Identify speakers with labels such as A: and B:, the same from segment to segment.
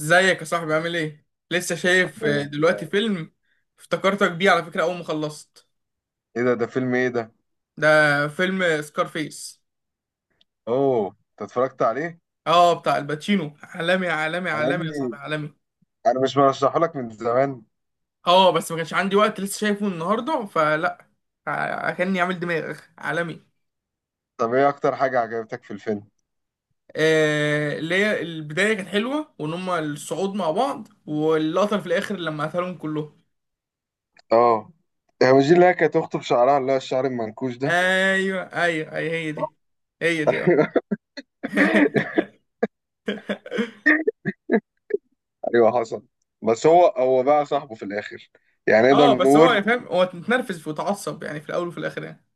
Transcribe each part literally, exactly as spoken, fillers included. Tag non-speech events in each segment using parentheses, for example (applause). A: ازيك يا صاحبي، عامل ايه؟ لسه شايف آه،
B: الله.
A: دلوقتي فيلم، افتكرتك بيه على فكرة أول ما خلصت.
B: ايه ده ده فيلم ايه ده؟
A: ده فيلم سكارفيس.
B: اوه، انت اتفرجت عليه؟
A: اه، بتاع الباتشينو، عالمي عالمي
B: انا يا
A: عالمي يا صاحبي،
B: ابني،
A: عالمي.
B: انا مش برشحه لك من زمان؟
A: اه، بس ما كانش عندي وقت، لسه شايفه النهاردة، فلا. ع- كأني عامل دماغ عالمي.
B: طب ايه اكتر حاجه عجبتك في الفيلم؟
A: آه، اللي هي البداية كانت حلوة، وإن هما الصعود مع بعض، واللقطة في الآخر لما قتلهم كلهم.
B: اه. هي مش دي اللي هي كانت اخته بشعرها، اللي هو الشعر المنكوش ده؟
A: أيوه، أيوه، أيوه، هي دي. هي دي، اه.
B: (laughs)
A: (laughs)
B: ايوه حصل. بس هو هو بقى صاحبه في الاخر، يعني نقدر
A: اه، بس هو يعني
B: نقول.
A: فاهم، هو متنرفز وتعصب يعني في الاول، وفي الاخر يعني.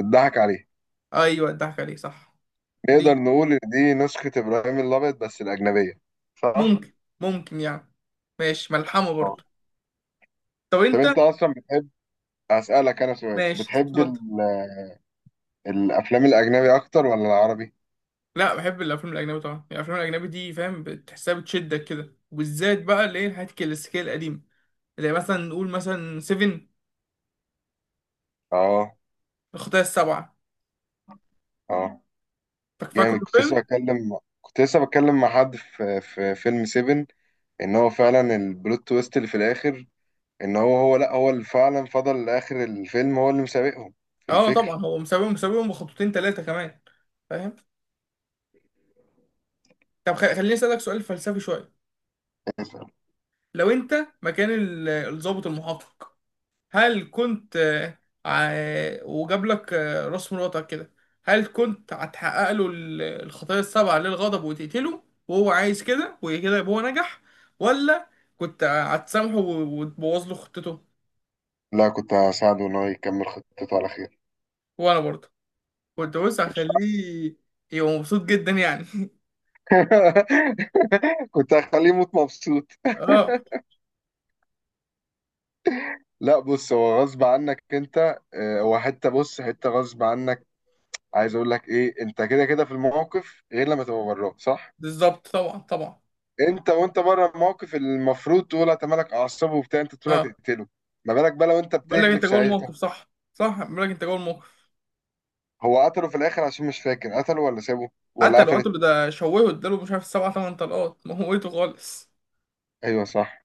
B: اتضحك عليه.
A: ايوه، الضحك عليه، صح.
B: نقدر
A: دي.
B: نقول ان دي نسخه ابراهيم الابيض بس الاجنبيه؟ صح.
A: ممكن. ممكن يعني. ماشي، ملحمه
B: اه.
A: برضه. طب
B: طب
A: انت.
B: انت اصلا بتحب، اسالك انا سؤال،
A: ماشي،
B: بتحب
A: اتفضل.
B: ال- الافلام الاجنبي اكتر ولا العربي؟
A: لا، بحب الافلام الاجنبي طبعا، يعني الافلام الاجنبي دي فاهم بتحسها بتشدك كده، وبالذات بقى اللي هي الحاجات الكلاسيكيه القديمه. زي مثلا نقول مثلا سفن،
B: اه.
A: الخطايا السبعه.
B: اه.
A: فاك- فاكره
B: جامد. كنت لسه
A: الفيلم؟
B: بتكلم كنت لسه بتكلم مع حد في في فيلم سفن، ان هو فعلا البلوت تويست اللي في الاخر، ان هو هو لا هو اللي فعلا فضل لاخر الفيلم، هو اللي مسابقهم في
A: اه طبعا،
B: الفكر.
A: هو مساويهم، مساويهم بخطوتين ثلاثه كمان، فاهم. طب خ- خليني اسالك سؤال فلسفي شويه. لو انت مكان ال- الضابط المحقق، هل كنت، آه، ع- وجاب لك، آه، راس مراتك كده، هل كنت هتحقق له ال- الخطايا السبعة للغضب وتقتله، وهو عايز كده، وكده يبقى هو نجح؟ ولا كنت هتسامحه و- وتبوظ له خطته؟
B: لا، كنت هساعده ان هو يكمل خطته على خير.
A: وانا برضه كنت، بص،
B: مش...
A: هخليه يبقى مبسوط جدا يعني.
B: (laughs) كنت هخليه يموت مبسوط.
A: (laughs) اه،
B: لا بص، هو غصب عنك انت، آه، هو حته. بص، حته غصب عنك. عايز اقول لك ايه، انت كده كده في الموقف غير لما تبقى براه، صح؟
A: بالظبط، طبعا، طبعا.
B: انت وانت بره الموقف، المفروض تقول هتملك اعصابه وبتاع، انت تقول
A: اه،
B: هتقتله. ما بالك بقى لو انت
A: بقول لك انت
B: بتغلف
A: جوه
B: ساعتها؟
A: الموقف، صح، صح، بقول لك انت جوه الموقف.
B: هو قتله في الاخر عشان مش فاكر، قتله ولا سابه ولا
A: قتله،
B: قفلت؟
A: قتله، ده شوهه، اداله مش عارف سبع تمن طلقات، موته خالص.
B: ايوه صح.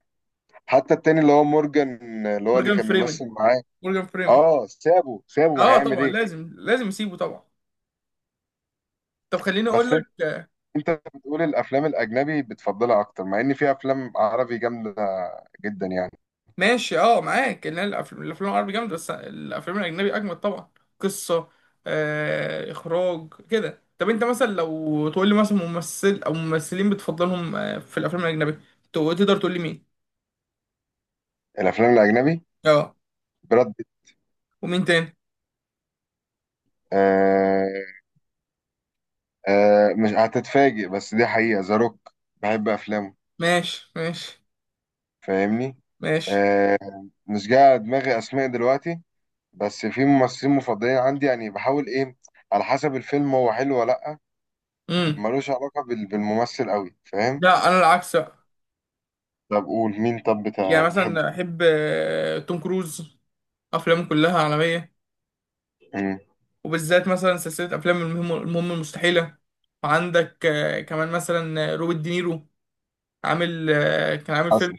B: حتى التاني اللي هو مورجان، اللي هو اللي
A: مورجان
B: كان
A: فريمن.
B: بيمثل معاه.
A: مورجان فريمن.
B: اه، سابه سابه، ما
A: اه
B: هيعمل
A: طبعا،
B: ايه.
A: لازم، لازم اسيبه طبعا. طب خليني اقول
B: بس
A: لك،
B: انت
A: آه،
B: انت بتقول الافلام الاجنبي بتفضلها اكتر، مع ان في افلام عربي جامده جدا يعني.
A: ماشي. اه، معاك، ان الافلام الافلام العربي جامده، بس الافلام الاجنبي اجمد طبعا. قصه، آه اخراج كده. طب انت مثلا لو تقول لي مثلا ممثل او ممثلين بتفضلهم آه، في الافلام الاجنبي، تو- تقدر تقول لي مين؟
B: الافلام الاجنبي:
A: اه.
B: براد بيت.
A: ومين تاني؟
B: آه آه مش هتتفاجئ، بس دي حقيقه، ذا روك بحب افلامه.
A: ماشي، ماشي،
B: فاهمني؟
A: ماشي.
B: آه مش جاي على دماغي اسماء دلوقتي، بس في ممثلين مفضلين عندي، يعني بحاول ايه، على حسب الفيلم هو حلو ولا لا.
A: امم
B: ملوش علاقة بال- بالممثل قوي، فاهم.
A: لا، انا العكس بقى.
B: طب قول مين، طب بتا-
A: يعني
B: بتحبه
A: مثلا
B: في-
A: احب آه، توم كروز، افلامه كلها عالميه.
B: مم.
A: وبالذات مثلا سلسلة أفلام المهم المهم المستحيلة. وعندك آه، كمان مثلا آه، روبرت دينيرو، عامل آه، كان عامل فيلم
B: حسن.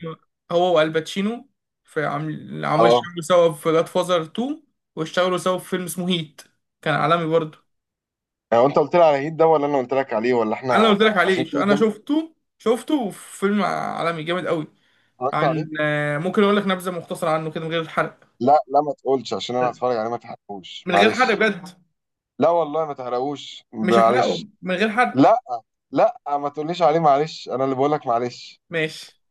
A: هو والباتشينو. في عامل عامل
B: اه.
A: اشتغلوا سوا في جاد فازر تو، واشتغلوا سوا في فيلم اسمه هيت، كان عالمي برضه.
B: هو انت قلت لي على هيد ده ولا انا قلت لك عليه، ولا
A: أنا
B: احنا
A: قلت لك عليه،
B: عشان
A: ش-
B: كده
A: أنا
B: قدام؟
A: شفته، شفته في فيلم عالمي جامد قوي.
B: اتفرجت عليه؟
A: عن آه، ممكن أقول لك نبذة مختصرة عنه كده من غير حرق؟
B: لا لا، ما تقولش عشان انا هتفرج عليه، ما تحرقوش
A: من غير حرق
B: معلش.
A: بجد.
B: لا والله، ما تحرقوش
A: مش
B: معلش.
A: هحرقه، من غير حرق.
B: لا لا، ما تقوليش عليه معلش، انا اللي بقول لك معلش.
A: ماشي.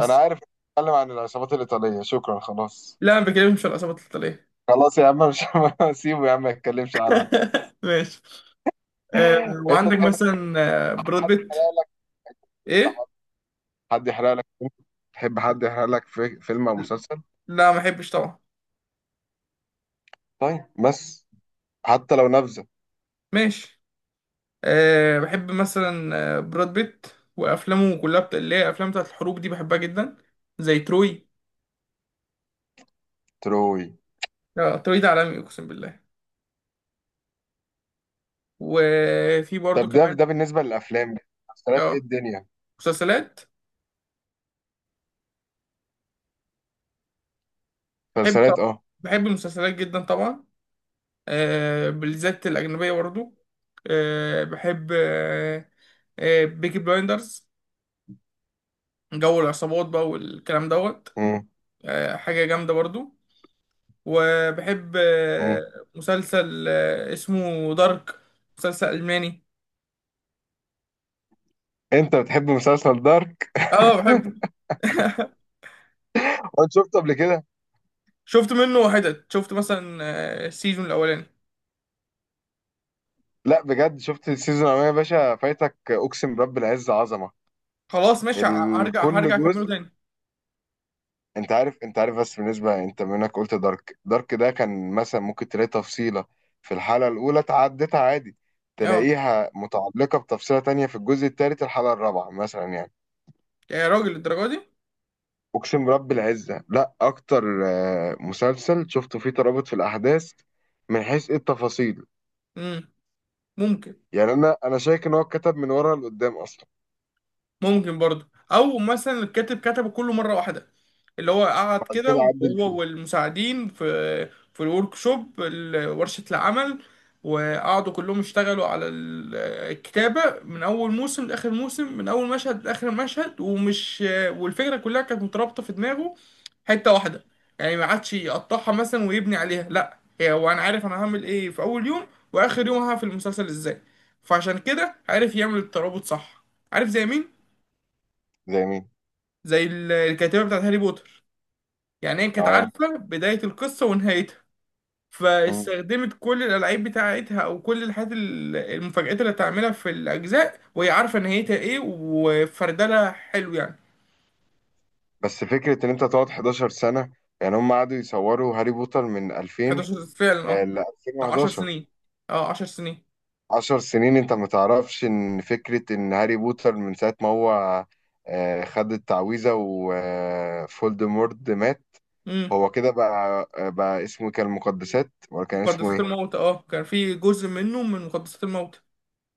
B: انا عارف. اتكلم عن العصابات الايطاليه، شكرا، خلاص.
A: لا، ما بكلمش عن العصابات القتالية.
B: خلاص يا عم، مش... (laughs) سيبه يا عم، ما يتكلمش عنه.
A: (laughs) ماشي. آه،
B: انت
A: وعندك
B: تحب
A: مثلا، آه،
B: حد
A: براد بيت.
B: يحرق لك؟
A: ايه؟
B: حد يحرق لك؟ تحب حد يحرق لك في فيلم او مسلسل؟
A: لا، ما بحبش طبعا.
B: طيب، بس حتى لو نبذه.
A: ماشي. أه، بحب مثلا آه، براد بيت، وافلامه كلها بتا... اللي هي افلام بتاعت الحروب دي بحبها جدا، زي تروي.
B: تروي.
A: اه، تروي ده عالمي، اقسم بالله. وفي برضو
B: طب ده
A: كمان.
B: ده بالنسبه للافلام. مسلسلات ايه
A: اه،
B: الدنيا؟
A: مسلسلات. بحب
B: مسلسلات،
A: طبعا.
B: اه.
A: بحب المسلسلات جدا طبعا. أه، بالذات الاجنبيه برضو. أه، بحب، أه أه بيكي بلايندرز، جو العصابات بقى والكلام دوت.
B: امم.
A: آه، حاجة جامدة برضو. وبحب
B: امم.
A: آه، مسلسل آه، اسمه دارك، مسلسل ألماني.
B: انت بتحب مسلسل دارك؟
A: اه، بحبه. (laughs)
B: وانت شفته قبل كده؟
A: شفت منه حتت، شفت مثلا آه، السيزون الأولاني.
B: لا بجد، شفت السيزون الاولاني يا باشا، فايتك، اقسم برب العز، عظمه.
A: خلاص، ماشي، ه-
B: ال-
A: هرجع
B: كل
A: هرجع أكمله
B: جزء.
A: تاني.
B: انت عارف انت عارف بس بالنسبه انت منك قلت دارك دارك ده كان مثلا ممكن تلاقي تفصيله في الحلقه الاولى تعدتها عادي،
A: اه
B: تلاقيها متعلقه بتفصيله تانية في الجزء الثالث الحلقه الرابعه مثلا، يعني.
A: يا راجل، الدرجة دي.
B: اقسم برب العزه، لا اكتر آه، مسلسل شفته فيه ترابط في الاحداث، من حيث ايه التفاصيل.
A: مم. ممكن.
B: يعني انا انا شايف ان هو اتكتب من ورا لقدام اصلا،
A: ممكن برضه، او مثلا الكاتب كتبه كله مره واحده، اللي هو قعد
B: بعد
A: كده،
B: كده عدل
A: وهو
B: فيه.
A: والمساعدين في في الورك شوب، ورشه العمل، وقعدوا كلهم يشتغلوا على ال- الكتابه من اول موسم لاخر موسم، من اول مشهد لاخر مشهد، ومش والفكره كلها كانت مترابطه في دماغه، حته واحده، يعني ما عادش يقطعها مثلا ويبني عليها، لا هي هو انا عارف انا هعمل ايه في اول يوم، واخر يوم هعمل في المسلسل ازاي. فعشان كده عارف يعمل الترابط صح. عارف زي مين؟
B: زي مين؟
A: زي ال- الكاتبة بتاعت هاري بوتر. يعني هي كانت
B: اه.
A: عارفة بداية القصة ونهايتها،
B: مم.
A: فاستخدمت كل الألعاب بتاعتها، أو كل الحاجات ال- المفاجآت اللي هتعملها في الأجزاء، وهي عارفة نهايتها إيه، وفردلها حلو يعني.
B: بس فكره ان انت تقعد 11 سنه، يعني هم قعدوا يصوروا هاري بوتر من ألفين
A: احد عشر فعلا، أه،
B: ال
A: بتاع عشر
B: ألفين وحداشر.
A: سنين. أه، عشر سنين.
B: 10 سنين، انت ما تعرفش ان فكرة ان هاري بوتر من ساعة ما هو آه، خد التعويذة وفولدمورت مات،
A: امم
B: هو كده بقى آه، بقى اسمه إيه، كان المقدسات، ولا كان اسمه
A: مقدسات
B: ايه؟
A: الموت، أه، كان في جزء منه من مقدسات الموت.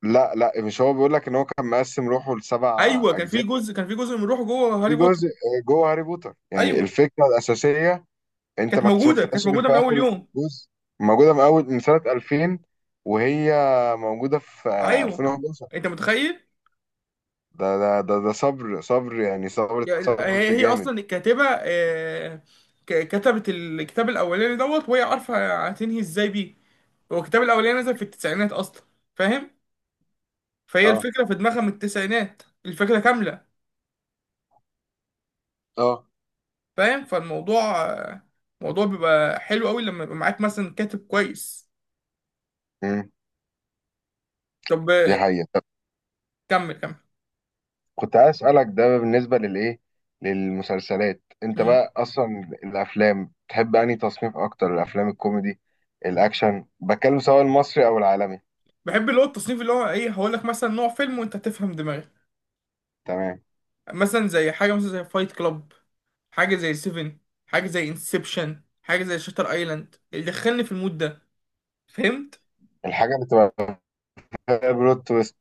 B: لا لا، مش هو بيقول لك ان هو كان مقسم روحه لسبع
A: أيوه، كان في
B: اجزاء؟
A: جزء كان في جزء من روحه جوه هاري
B: في
A: بوتر.
B: جزء آه، جوه هاري بوتر، يعني
A: أيوه،
B: الفكرة الأساسية انت
A: كانت
B: ما
A: موجودة، كانت
B: اكتشفتهاش غير في
A: موجودة من أول
B: آخر
A: يوم.
B: جزء. موجودة من اول من سنة ألفين، وهي موجودة في آه،
A: أيوه،
B: ألفين وحداشر.
A: أنت متخيل.
B: ده ده ده ده صبر صبر، يعني صبر
A: هي
B: صبر
A: هي
B: جامد.
A: اصلا الكاتبه، آه، ك- كتبت الكتاب الاولاني دوت، وهي عارفه هتنهي ازاي بيه. هو الكتاب الاولاني نزل في التسعينات اصلا، فاهم. فهي
B: اه.
A: الفكره في دماغها من التسعينات، الفكره كامله،
B: اه.
A: فاهم. فالموضوع آه، موضوع بيبقى حلو قوي لما يبقى معاك مثلا كاتب كويس.
B: امم.
A: طب،
B: دي
A: آه،
B: حقيقة. طب
A: كمل، كمل.
B: كنت عايز أسألك ده بالنسبة للإيه، للمسلسلات. أنت
A: مم.
B: بقى أصلا الأفلام، تحب أنهي تصنيف أكتر؟ الأفلام الكوميدي، الأكشن؟ بتكلم سواء المصري أو العالمي.
A: بحب اللي هو التصنيف اللي هو ايه، هقول لك مثلا نوع فيلم وانت تفهم دماغي.
B: تمام.
A: مثلا زي حاجه، مثلا زي فايت كلاب، حاجه زي سيفن، حاجه زي انسبشن، حاجه زي شاتر ايلاند، اللي دخلني في المود ده. فهمت.
B: الحاجة اللي تبقى فيها بلوت تويست.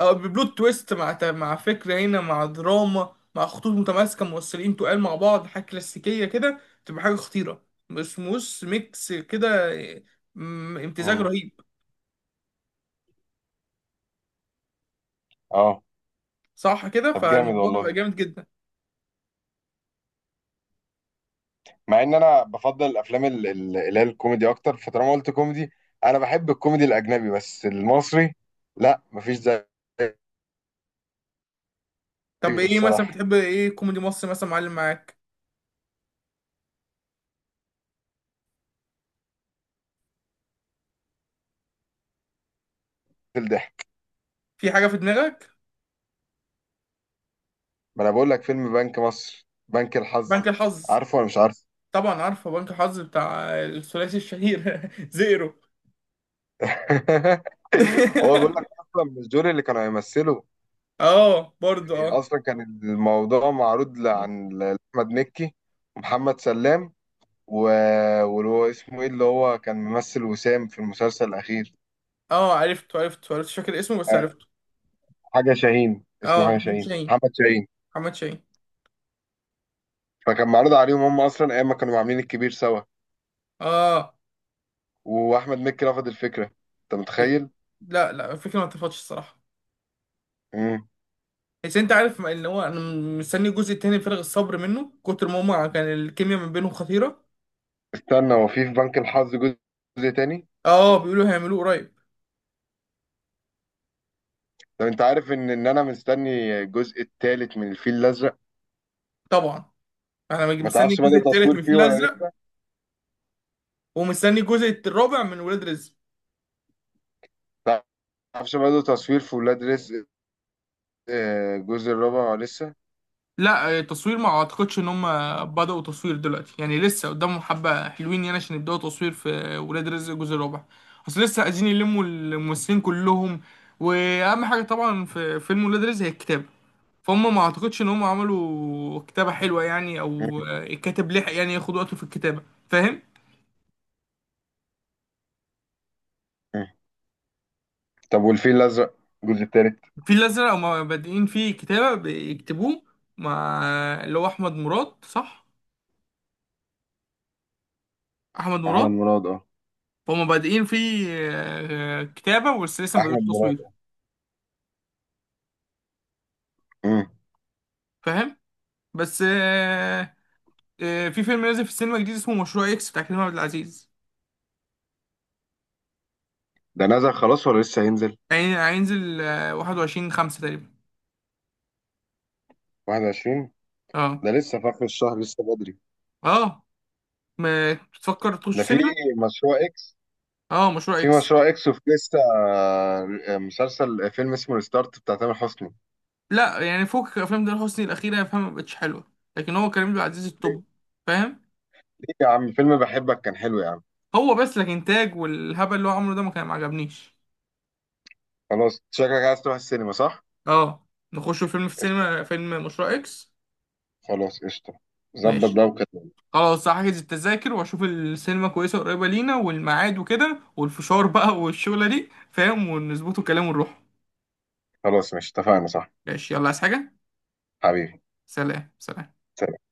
A: او ببلوت تويست مع ت- مع فكره هنا، مع دراما، مع خطوط متماسكه موصلين تقال مع بعض، حاجه كلاسيكيه كده، تبقى حاجه خطيره، بس موس ميكس كده، م- امتزاج
B: امم.
A: رهيب.
B: أه.
A: صح كده،
B: طب جامد
A: فالموضوع بيبقى
B: والله.
A: جامد جدا.
B: مع إن أنا بفضل الأفلام ال- ال- اللي هي الكوميدي أكتر. فطالما قلت كوميدي، أنا بحب الكوميدي الأجنبي، بس المصري لأ، مفيش زيه.
A: طب
B: ايه
A: ايه مثلا،
B: الصراحه
A: بتحب ايه كوميدي مصري مثلا، معلم معاك.
B: في الضحك؟
A: في حاجه في دماغك؟
B: ما انا بقول لك، فيلم بنك مصر، بنك
A: بنك
B: الحظ،
A: الحظ.
B: عارفه ولا مش عارفه؟
A: طبعا عارفه بنك الحظ، بتاع الثلاثي الشهير. (laughs) زيرو.
B: (laughs) هو بيقول
A: (laughs)
B: لك اصلا مش دول اللي كانوا هيمثلوا،
A: اه برضه،
B: يعني.
A: اه.
B: اصلا كان الموضوع معروض ل- عن ل- لاحمد مكي، ومحمد سلام، و... واللي هو اسمه ايه، اللي هو كان ممثل وسام في المسلسل الاخير.
A: اه، عرفته، عرفته، عرفته، مش فاكر اسمه، بس عرفته.
B: حاجه شاهين اسمه،
A: اه،
B: حاجه
A: محمد
B: شاهين،
A: شاهين.
B: محمد شاهين.
A: محمد شاهين.
B: فكان معروض عليهم هم اصلا ايام ما كانوا عاملين الكبير سوا،
A: اه.
B: واحمد مكي رفض الفكره. انت متخيل؟
A: لا، لا، الفكرة ما اتفقتش الصراحة، بس انت عارف ان هو انا مستني الجزء التاني بفارغ الصبر، منه كتر ما هما كان الكيمياء ما بينهم خطيرة.
B: استنى، هو في في بنك الحظ جزء، جزء تاني؟
A: اه، بيقولوا هيعملوه قريب.
B: طب انت عارف ان ان انا مستني الجزء التالت من الفيل الازرق.
A: طبعا. انا
B: ما
A: مستني
B: تعرفش
A: الجزء
B: بدأوا
A: التالت
B: تصوير
A: من
B: فيه
A: الفيل
B: ولا
A: الازرق،
B: لسه؟
A: ومستني الجزء الرابع من ولاد رزق.
B: ما تعرفش بدأوا تصوير في ولاد رزق آه، الجزء الرابع ولا لسه؟
A: لا، آه، تصوير ما اعتقدش ان هم بدأوا تصوير دلوقتي، يعني لسه قدامهم حبة حلوين يعني عشان يبدأوا تصوير في ولاد رزق الجزء الرابع. اصل لسه عايزين يلموا الممثلين كلهم، واهم حاجة طبعا في فيلم ولاد رزق هي الكتابة، فهم ما اعتقدش ان هم عملوا كتابة حلوة يعني،
B: مم.
A: او آه، الكاتب لحق يعني ياخد وقته في الكتابة، فاهم.
B: مم. طب والفيل الازرق الجزء التالت؟
A: في الازرق هم بادئين فيه كتابة، بيكتبوه مع اللي هو احمد مراد، صح، احمد مراد.
B: احمد مراد، اه.
A: هما بادئين فيه آه، آه، كتابة، بس لسه ما
B: احمد
A: بدأوش
B: مراد،
A: تصوير،
B: اه. مم.
A: فاهم. بس آه، آه، في فيلم نازل في السينما جديد، اسمه مشروع اكس، بتاع كريم عبد العزيز.
B: ده نزل خلاص ولا لسه هينزل؟
A: هين- هينزل آه، واحد وعشرين خمسة تقريبا.
B: واحد وعشرين؟
A: اه.
B: ده لسه في اخر الشهر، لسه بدري.
A: اه. ما تفكر
B: ده
A: تخش
B: في
A: سينما؟
B: مشروع اكس؟
A: اه، مشروع
B: في
A: اكس.
B: مشروع اكس، وفي لسه آه، مسلسل آه، فيلم اسمه ريستارت بتاع تامر حسني.
A: لا، يعني فوق افلام ده، حسني الاخيره فاهم ما بقتش حلوه، لكن هو كريم عبد العزيز التوب، فاهم.
B: ليه يا عم، فيلم بحبك كان حلو يا عم.
A: هو بس الانتاج والهبل اللي هو عمله ده ما كان ما عجبنيش.
B: خلاص، شكلك عايز تروح السينما صح؟
A: اه، نخش فيلم في
B: قشطة.
A: السينما، فيلم مشروع اكس.
B: خلاص قشطة. ظبط
A: ماشي.
B: بقى وكده.
A: خلاص، هحجز التذاكر، واشوف السينما كويسه قريبه لينا، والميعاد وكده، والفشار بقى والشغله دي فاهم، ونظبطه كلام ونروح.
B: خلاص ماشي، اتفقنا صح؟
A: ماشي، يلا، عايز حاجه؟
B: حبيبي.
A: سلام، سلام.
B: سلام.